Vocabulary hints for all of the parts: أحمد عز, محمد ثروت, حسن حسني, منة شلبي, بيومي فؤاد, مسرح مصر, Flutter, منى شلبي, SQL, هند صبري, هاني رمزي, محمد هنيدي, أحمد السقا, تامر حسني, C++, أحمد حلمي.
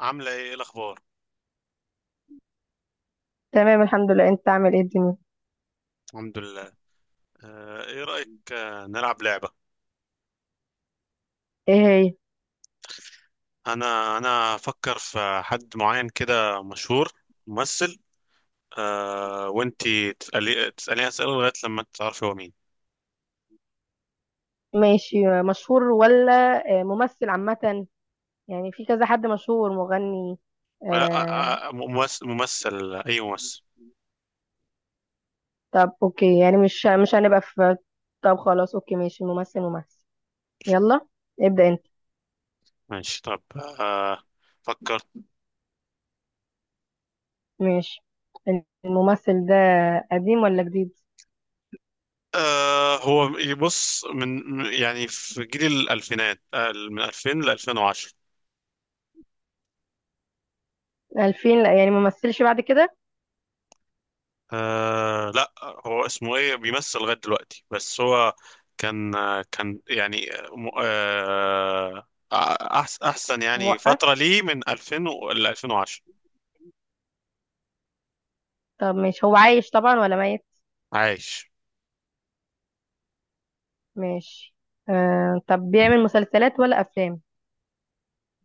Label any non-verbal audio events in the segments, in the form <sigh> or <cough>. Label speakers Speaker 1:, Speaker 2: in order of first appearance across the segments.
Speaker 1: عاملة إيه الأخبار؟
Speaker 2: تمام، الحمد لله. انت عامل ايه الدنيا؟
Speaker 1: الحمد لله. ايه رأيك، نلعب لعبة؟
Speaker 2: ايه هي؟
Speaker 1: أنا أفكر في حد معين كده مشهور. ممثل. وانتي تسأليني أسئلة لغاية لما تعرفي هو مين.
Speaker 2: ماشي، مشهور ولا ممثل عامة؟ يعني في كذا حد مشهور، مغني؟
Speaker 1: لا.
Speaker 2: آه
Speaker 1: ممثل أي ممثل.
Speaker 2: طب اوكي، يعني مش هنبقى في. طب خلاص اوكي ماشي، ممثل ممثل. يلا، ابدأ انت.
Speaker 1: ماشي. طب، فكرت.
Speaker 2: ماشي، الممثل ده قديم ولا جديد؟
Speaker 1: هو يبص من يعني في جيل الألفينات، من 2000 ل 2010.
Speaker 2: 2000؟ لا يعني ممثلش بعد كده؟
Speaker 1: لا. هو اسمه ايه بيمثل لغاية دلوقتي، بس هو كان. كان يعني احسن يعني
Speaker 2: موقف.
Speaker 1: فترة ليه من 2000 ل 2010.
Speaker 2: طب ماشي، هو عايش طبعا ولا ميت؟
Speaker 1: عايش.
Speaker 2: ماشي. آه طب بيعمل مسلسلات ولا افلام؟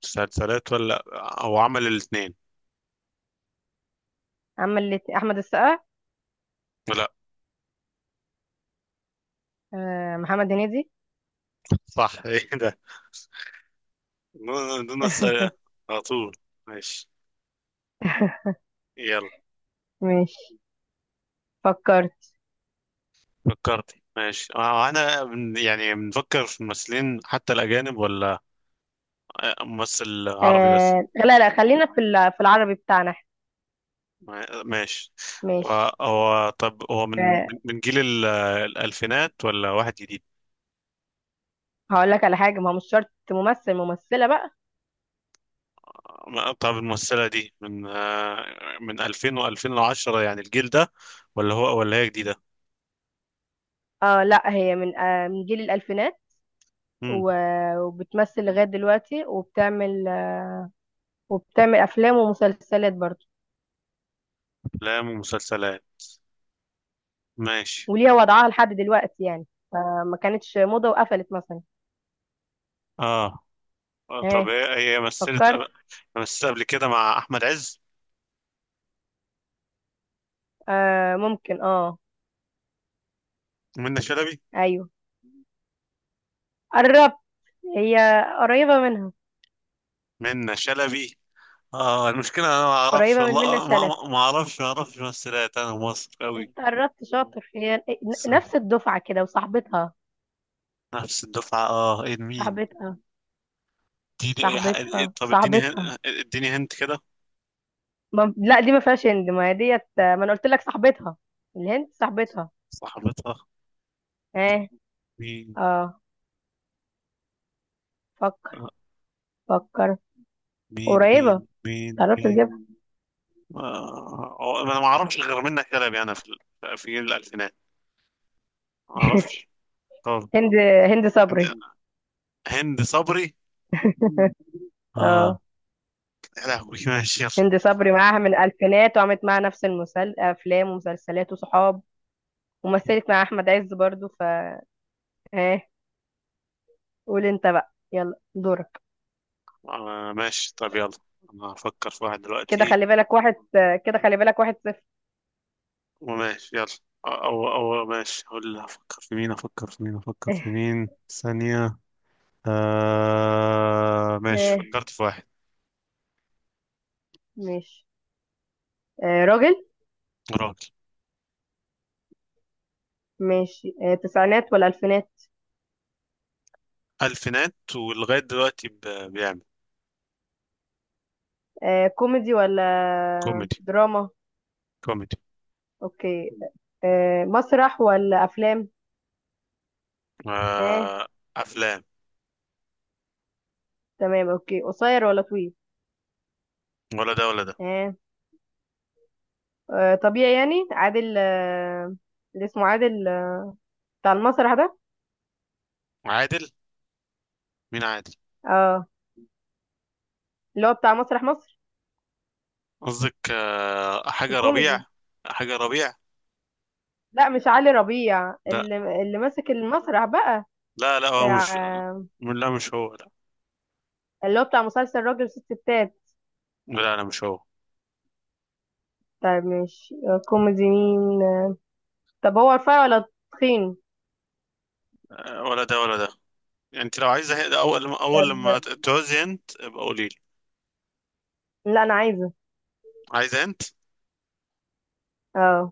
Speaker 1: مسلسلات ولا او عمل الاثنين.
Speaker 2: عمل احمد السقا؟
Speaker 1: لا.
Speaker 2: محمد هنيدي.
Speaker 1: صح <laughs> ايه ده؟ دون اسئلة
Speaker 2: <laughs>
Speaker 1: على طول. ماشي. يلا.
Speaker 2: ماشي، فكرت.
Speaker 1: فكرت. ماشي. انا يعني بنفكر في ممثلين حتى الاجانب، ولا ممثل عربي بس؟
Speaker 2: آه لا لا، خلينا في في العربي بتاعنا احنا.
Speaker 1: ماشي. هو
Speaker 2: ماشي.
Speaker 1: طب هو من
Speaker 2: آه،
Speaker 1: من جيل الألفينات ولا واحد جديد؟
Speaker 2: هقول لك على حاجة، ما هو مش شرط ممثل، ممثلة بقى.
Speaker 1: طب الممثلة دي من 2000 و2010 يعني الجيل ده، ولا هو ولا هي جديدة؟
Speaker 2: اه لا، هي من من جيل الألفينات.
Speaker 1: امم
Speaker 2: و- وبتمثل لغاية دلوقتي، وبتعمل وبتعمل أفلام ومسلسلات برضه.
Speaker 1: أفلام ومسلسلات. ماشي.
Speaker 2: وليها وضعها لحد دلوقتي يعني. آه، ما كانتش موضة وقفلت مثلا.
Speaker 1: اه. طب
Speaker 2: ها،
Speaker 1: هي مثلت
Speaker 2: فكرت.
Speaker 1: مثلت قبل كده مع أحمد عز.
Speaker 2: آه ممكن اه.
Speaker 1: منة شلبي.
Speaker 2: ايوه، قربت. هي قريبة منها.
Speaker 1: منة شلبي. اه، المشكلة أنا ما أعرفش
Speaker 2: قريبة من منى
Speaker 1: والله، ما
Speaker 2: شلبي.
Speaker 1: ما ما أعرفش، ممثلات، أنا مصر أوي.
Speaker 2: انت قربت، شاطر. هي
Speaker 1: بس
Speaker 2: نفس الدفعة كده، وصاحبتها.
Speaker 1: نفس الدفعة. اه، ايه؟ مين؟
Speaker 2: صاحبتها
Speaker 1: اديني اي حاجة.
Speaker 2: صاحبتها
Speaker 1: طب اديني
Speaker 2: صاحبتها.
Speaker 1: اديني هنت كده.
Speaker 2: ما... لا، دي ما فيهاش هند، ما هي ديت، ما انا قلت لك صاحبتها. الهند صاحبتها.
Speaker 1: صاحبتها.
Speaker 2: اه.
Speaker 1: مين؟
Speaker 2: اه، فكر.
Speaker 1: آه،
Speaker 2: فكر.
Speaker 1: مين مين
Speaker 2: قريبة،
Speaker 1: مين
Speaker 2: قربت
Speaker 1: مين
Speaker 2: تجيبها.
Speaker 1: هو انا ما اعرفش غير منة كلب يعني في في جيل الالفينات، ما اعرفش. طب،
Speaker 2: هند، هند صبري.
Speaker 1: هند صبري.
Speaker 2: <laughs>
Speaker 1: اه.
Speaker 2: اه.
Speaker 1: يا لهوي <laughs> ماشي. يلا.
Speaker 2: هند صبري معاها من الألفينات، وعملت معاها نفس أفلام ومسلسلات وصحاب. ومثلت مع أحمد عز برضو ف. ها، قول أنت بقى، يلا دورك.
Speaker 1: ماشي. طب يلا، انا هفكر في واحد
Speaker 2: كده
Speaker 1: دلوقتي.
Speaker 2: خلي بالك واحد. كده خلي بالك واحد صفر.
Speaker 1: وماشي يلا. او ماشي اقول، افكر في مين
Speaker 2: <laughs>
Speaker 1: ثانية. ماشي.
Speaker 2: آه،
Speaker 1: فكرت في
Speaker 2: ماشي. راجل.
Speaker 1: واحد.
Speaker 2: ماشي، تسعينات ولا ألفينات؟
Speaker 1: الفينات ولغايه دلوقتي بيعمل.
Speaker 2: كوميدي ولا
Speaker 1: كوميدي.
Speaker 2: دراما؟
Speaker 1: كوميدي.
Speaker 2: أوكي. مسرح ولا أفلام؟ ها.
Speaker 1: آه افلام.
Speaker 2: تمام أوكي، قصير ولا طويل؟
Speaker 1: ولا ده ولا ده.
Speaker 2: ها. طبيعي يعني. عادل آه، اللي اسمه عادل آه، بتاع المسرح ده.
Speaker 1: عادل. مين عادل؟
Speaker 2: اه، اللي هو بتاع مسرح مصر
Speaker 1: قصدك حاجه ربيع؟
Speaker 2: الكوميدي.
Speaker 1: حاجه ربيع.
Speaker 2: لا، مش علي ربيع،
Speaker 1: لا.
Speaker 2: اللي ماسك المسرح بقى.
Speaker 1: لا، لا هو مش.
Speaker 2: آه،
Speaker 1: لا، مش هو. لا.
Speaker 2: اللي هو بتاع مسلسل راجل وست ستات.
Speaker 1: لا، لا، مش هو.
Speaker 2: طيب ماشي، كوميدي مين؟ طب هو رفيع ولا تخين؟
Speaker 1: ولا ده ولا ده. يعني انت لو عايزه، ده اول اول
Speaker 2: طب
Speaker 1: لما تعوزي انت ابقى قولي لي.
Speaker 2: لا، انا عايزه.
Speaker 1: عايزه انت.
Speaker 2: اه،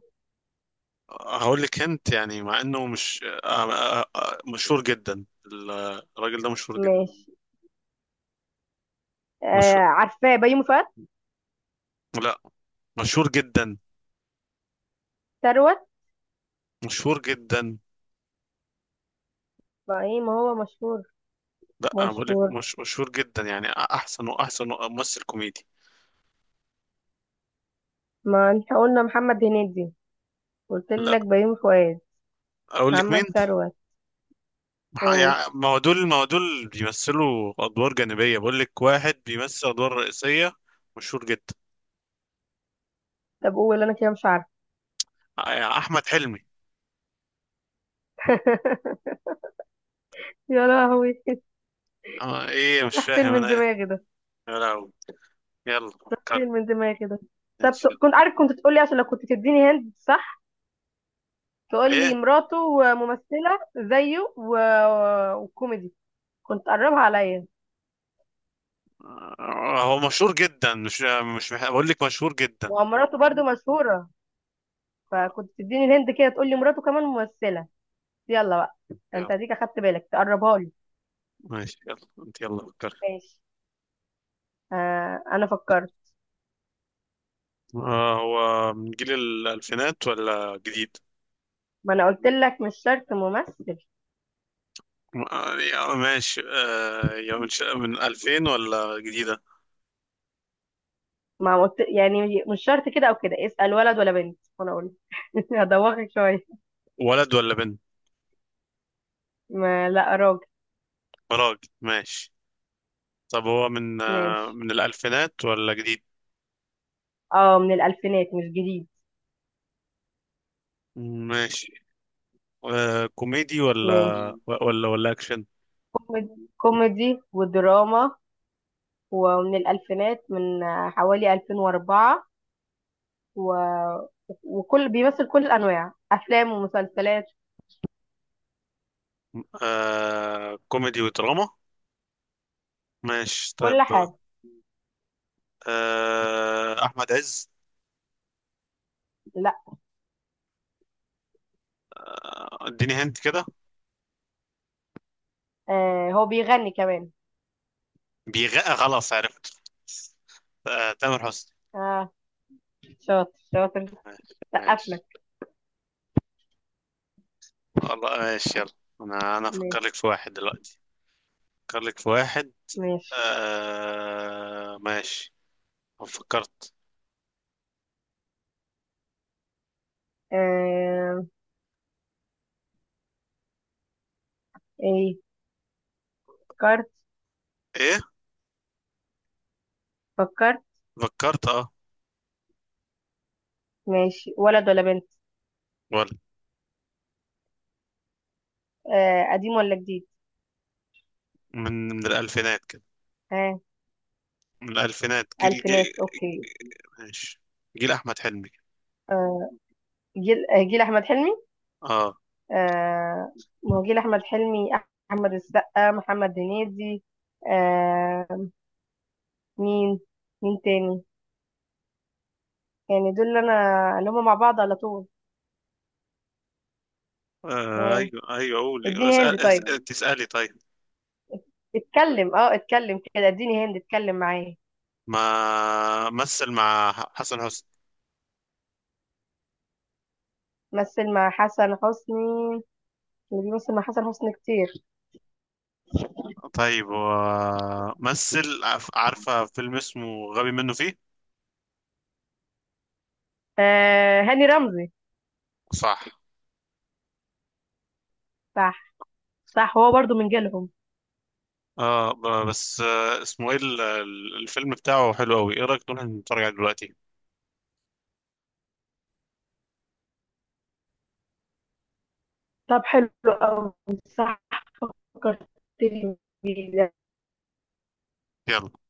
Speaker 1: هقول لك انت، يعني مع انه مش مشهور جدا. الراجل ده مشهور جدا.
Speaker 2: ماشي.
Speaker 1: مشهور.
Speaker 2: آه، عارفاه، بيومي فؤاد؟
Speaker 1: لا. مشهور جدا.
Speaker 2: ثروت؟
Speaker 1: مشهور جدا.
Speaker 2: ما ايه، ما هو مشهور.
Speaker 1: لا، أنا بقول لك
Speaker 2: مشهور،
Speaker 1: مش مشهور جدا يعني، احسن واحسن ممثل كوميدي.
Speaker 2: ما احنا قلنا محمد هنيدي. قلت
Speaker 1: لا.
Speaker 2: لك بيومي فؤاد،
Speaker 1: اقول لك
Speaker 2: محمد
Speaker 1: مين؟
Speaker 2: ثروت. قول.
Speaker 1: ما هو دول، بيمثلوا ادوار جانبيه، بقول لك واحد بيمثل ادوار رئيسيه، مشهور جدا.
Speaker 2: طب قول، انا كده مش عارفه.
Speaker 1: احمد حلمي.
Speaker 2: <laughs> يا لهوي!
Speaker 1: ايه؟ مش
Speaker 2: راح فين
Speaker 1: فاهم انا
Speaker 2: من
Speaker 1: ايه.
Speaker 2: دماغي ده؟
Speaker 1: يا لهوي. يلا
Speaker 2: راح
Speaker 1: فكر.
Speaker 2: فين من دماغي ده؟ طب
Speaker 1: ماشي يلا.
Speaker 2: كنت عارف، كنت تقولي، عشان لو كنت تديني هند صح، تقول لي
Speaker 1: ايه؟
Speaker 2: مراته ممثلة زيه و... وكوميدي، كنت قربها عليا.
Speaker 1: هو مشهور جدا، مش بقول لك مشهور جدا.
Speaker 2: ومراته برضو مشهورة،
Speaker 1: آه،
Speaker 2: فكنت تديني الهند كده تقول لي مراته كمان ممثلة. يلا بقى.
Speaker 1: يلا.
Speaker 2: انت هديك اخدت بالك تقربها لي.
Speaker 1: ماشي يلا انت، يلا فكر.
Speaker 2: ماشي. آه، انا فكرت.
Speaker 1: هو من جيل الألفينات ولا جديد؟
Speaker 2: ما انا قلت لك مش شرط ممثل.
Speaker 1: يعني، ماشي. يا من من 2000 ولا جديدة؟
Speaker 2: ما قلت يعني مش شرط كده او كده. اسأل ولد ولا بنت وانا اقول. <laughs> هدوخك شوية.
Speaker 1: ولد ولا بنت؟
Speaker 2: ما لا، راجل.
Speaker 1: راجل. ماشي. طب هو
Speaker 2: ماشي.
Speaker 1: من الألفينات ولا جديد؟
Speaker 2: اه، من الالفينات، مش جديد.
Speaker 1: ماشي. كوميدي ولا
Speaker 2: ماشي.
Speaker 1: ولا أكشن؟
Speaker 2: كوميدي، كوميدي ودراما. ومن الألفينات، من حوالي 2004، و... وكل بيمثل كل الأنواع، أفلام ومسلسلات،
Speaker 1: كوميدي ودراما. ماشي. طيب.
Speaker 2: كل حاجة.
Speaker 1: أحمد عز؟
Speaker 2: لا.
Speaker 1: اديني هنت كده.
Speaker 2: آه، هو بيغني كمان.
Speaker 1: بيغقى خلاص عرفت. تامر حسني.
Speaker 2: اه، شاطر شاطر.
Speaker 1: ماشي.
Speaker 2: سقف
Speaker 1: ماشي
Speaker 2: لك.
Speaker 1: والله. ماشي يلا. أنا أفكر
Speaker 2: ماشي،
Speaker 1: لك في واحد دلوقتي. أفكر لك في واحد.
Speaker 2: ماشي.
Speaker 1: ماشي. أنا فكرت.
Speaker 2: آه ايه فكرت؟
Speaker 1: ايه؟
Speaker 2: فكرت.
Speaker 1: فكرت. اه.
Speaker 2: ماشي، ولد ولا بنت؟
Speaker 1: ولا.
Speaker 2: آه قديم ولا جديد؟
Speaker 1: من الالفينات كده.
Speaker 2: ها.
Speaker 1: من الالفينات.
Speaker 2: آه،
Speaker 1: جيل
Speaker 2: ألفينات
Speaker 1: جيل
Speaker 2: أوكي.
Speaker 1: ماشي. جيل احمد حلمي.
Speaker 2: آه جيل، جيل أحمد حلمي؟
Speaker 1: اه.
Speaker 2: آه، ما هو جيل أحمد حلمي، أحمد السقا، محمد هنيدي، آه، مين، مين تاني؟ يعني دول اللي انا، اللي هم مع بعض على طول. اه،
Speaker 1: ايوه، ايوه. قولي.
Speaker 2: اديني هند
Speaker 1: اسال
Speaker 2: طيب.
Speaker 1: اسال تسالي طيب.
Speaker 2: اتكلم، اه اتكلم كده، اديني هند، اتكلم معايا.
Speaker 1: ما مثل مع حسن حسني.
Speaker 2: مثل مع حسن حسني؟ اللي بيمثل مع حسن حسني كتير.
Speaker 1: طيب، مثل. عارفه فيلم اسمه غبي منه فيه.
Speaker 2: آه، هاني رمزي؟
Speaker 1: صح.
Speaker 2: صح. صح، هو برضو من جيلهم.
Speaker 1: اه، بس اسمه ايه الفيلم بتاعه حلو قوي. ايه رايك نروح نتفرج عليه دلوقتي؟
Speaker 2: طب حلو قوي. صح، فكرتني بيه.
Speaker 1: يلا.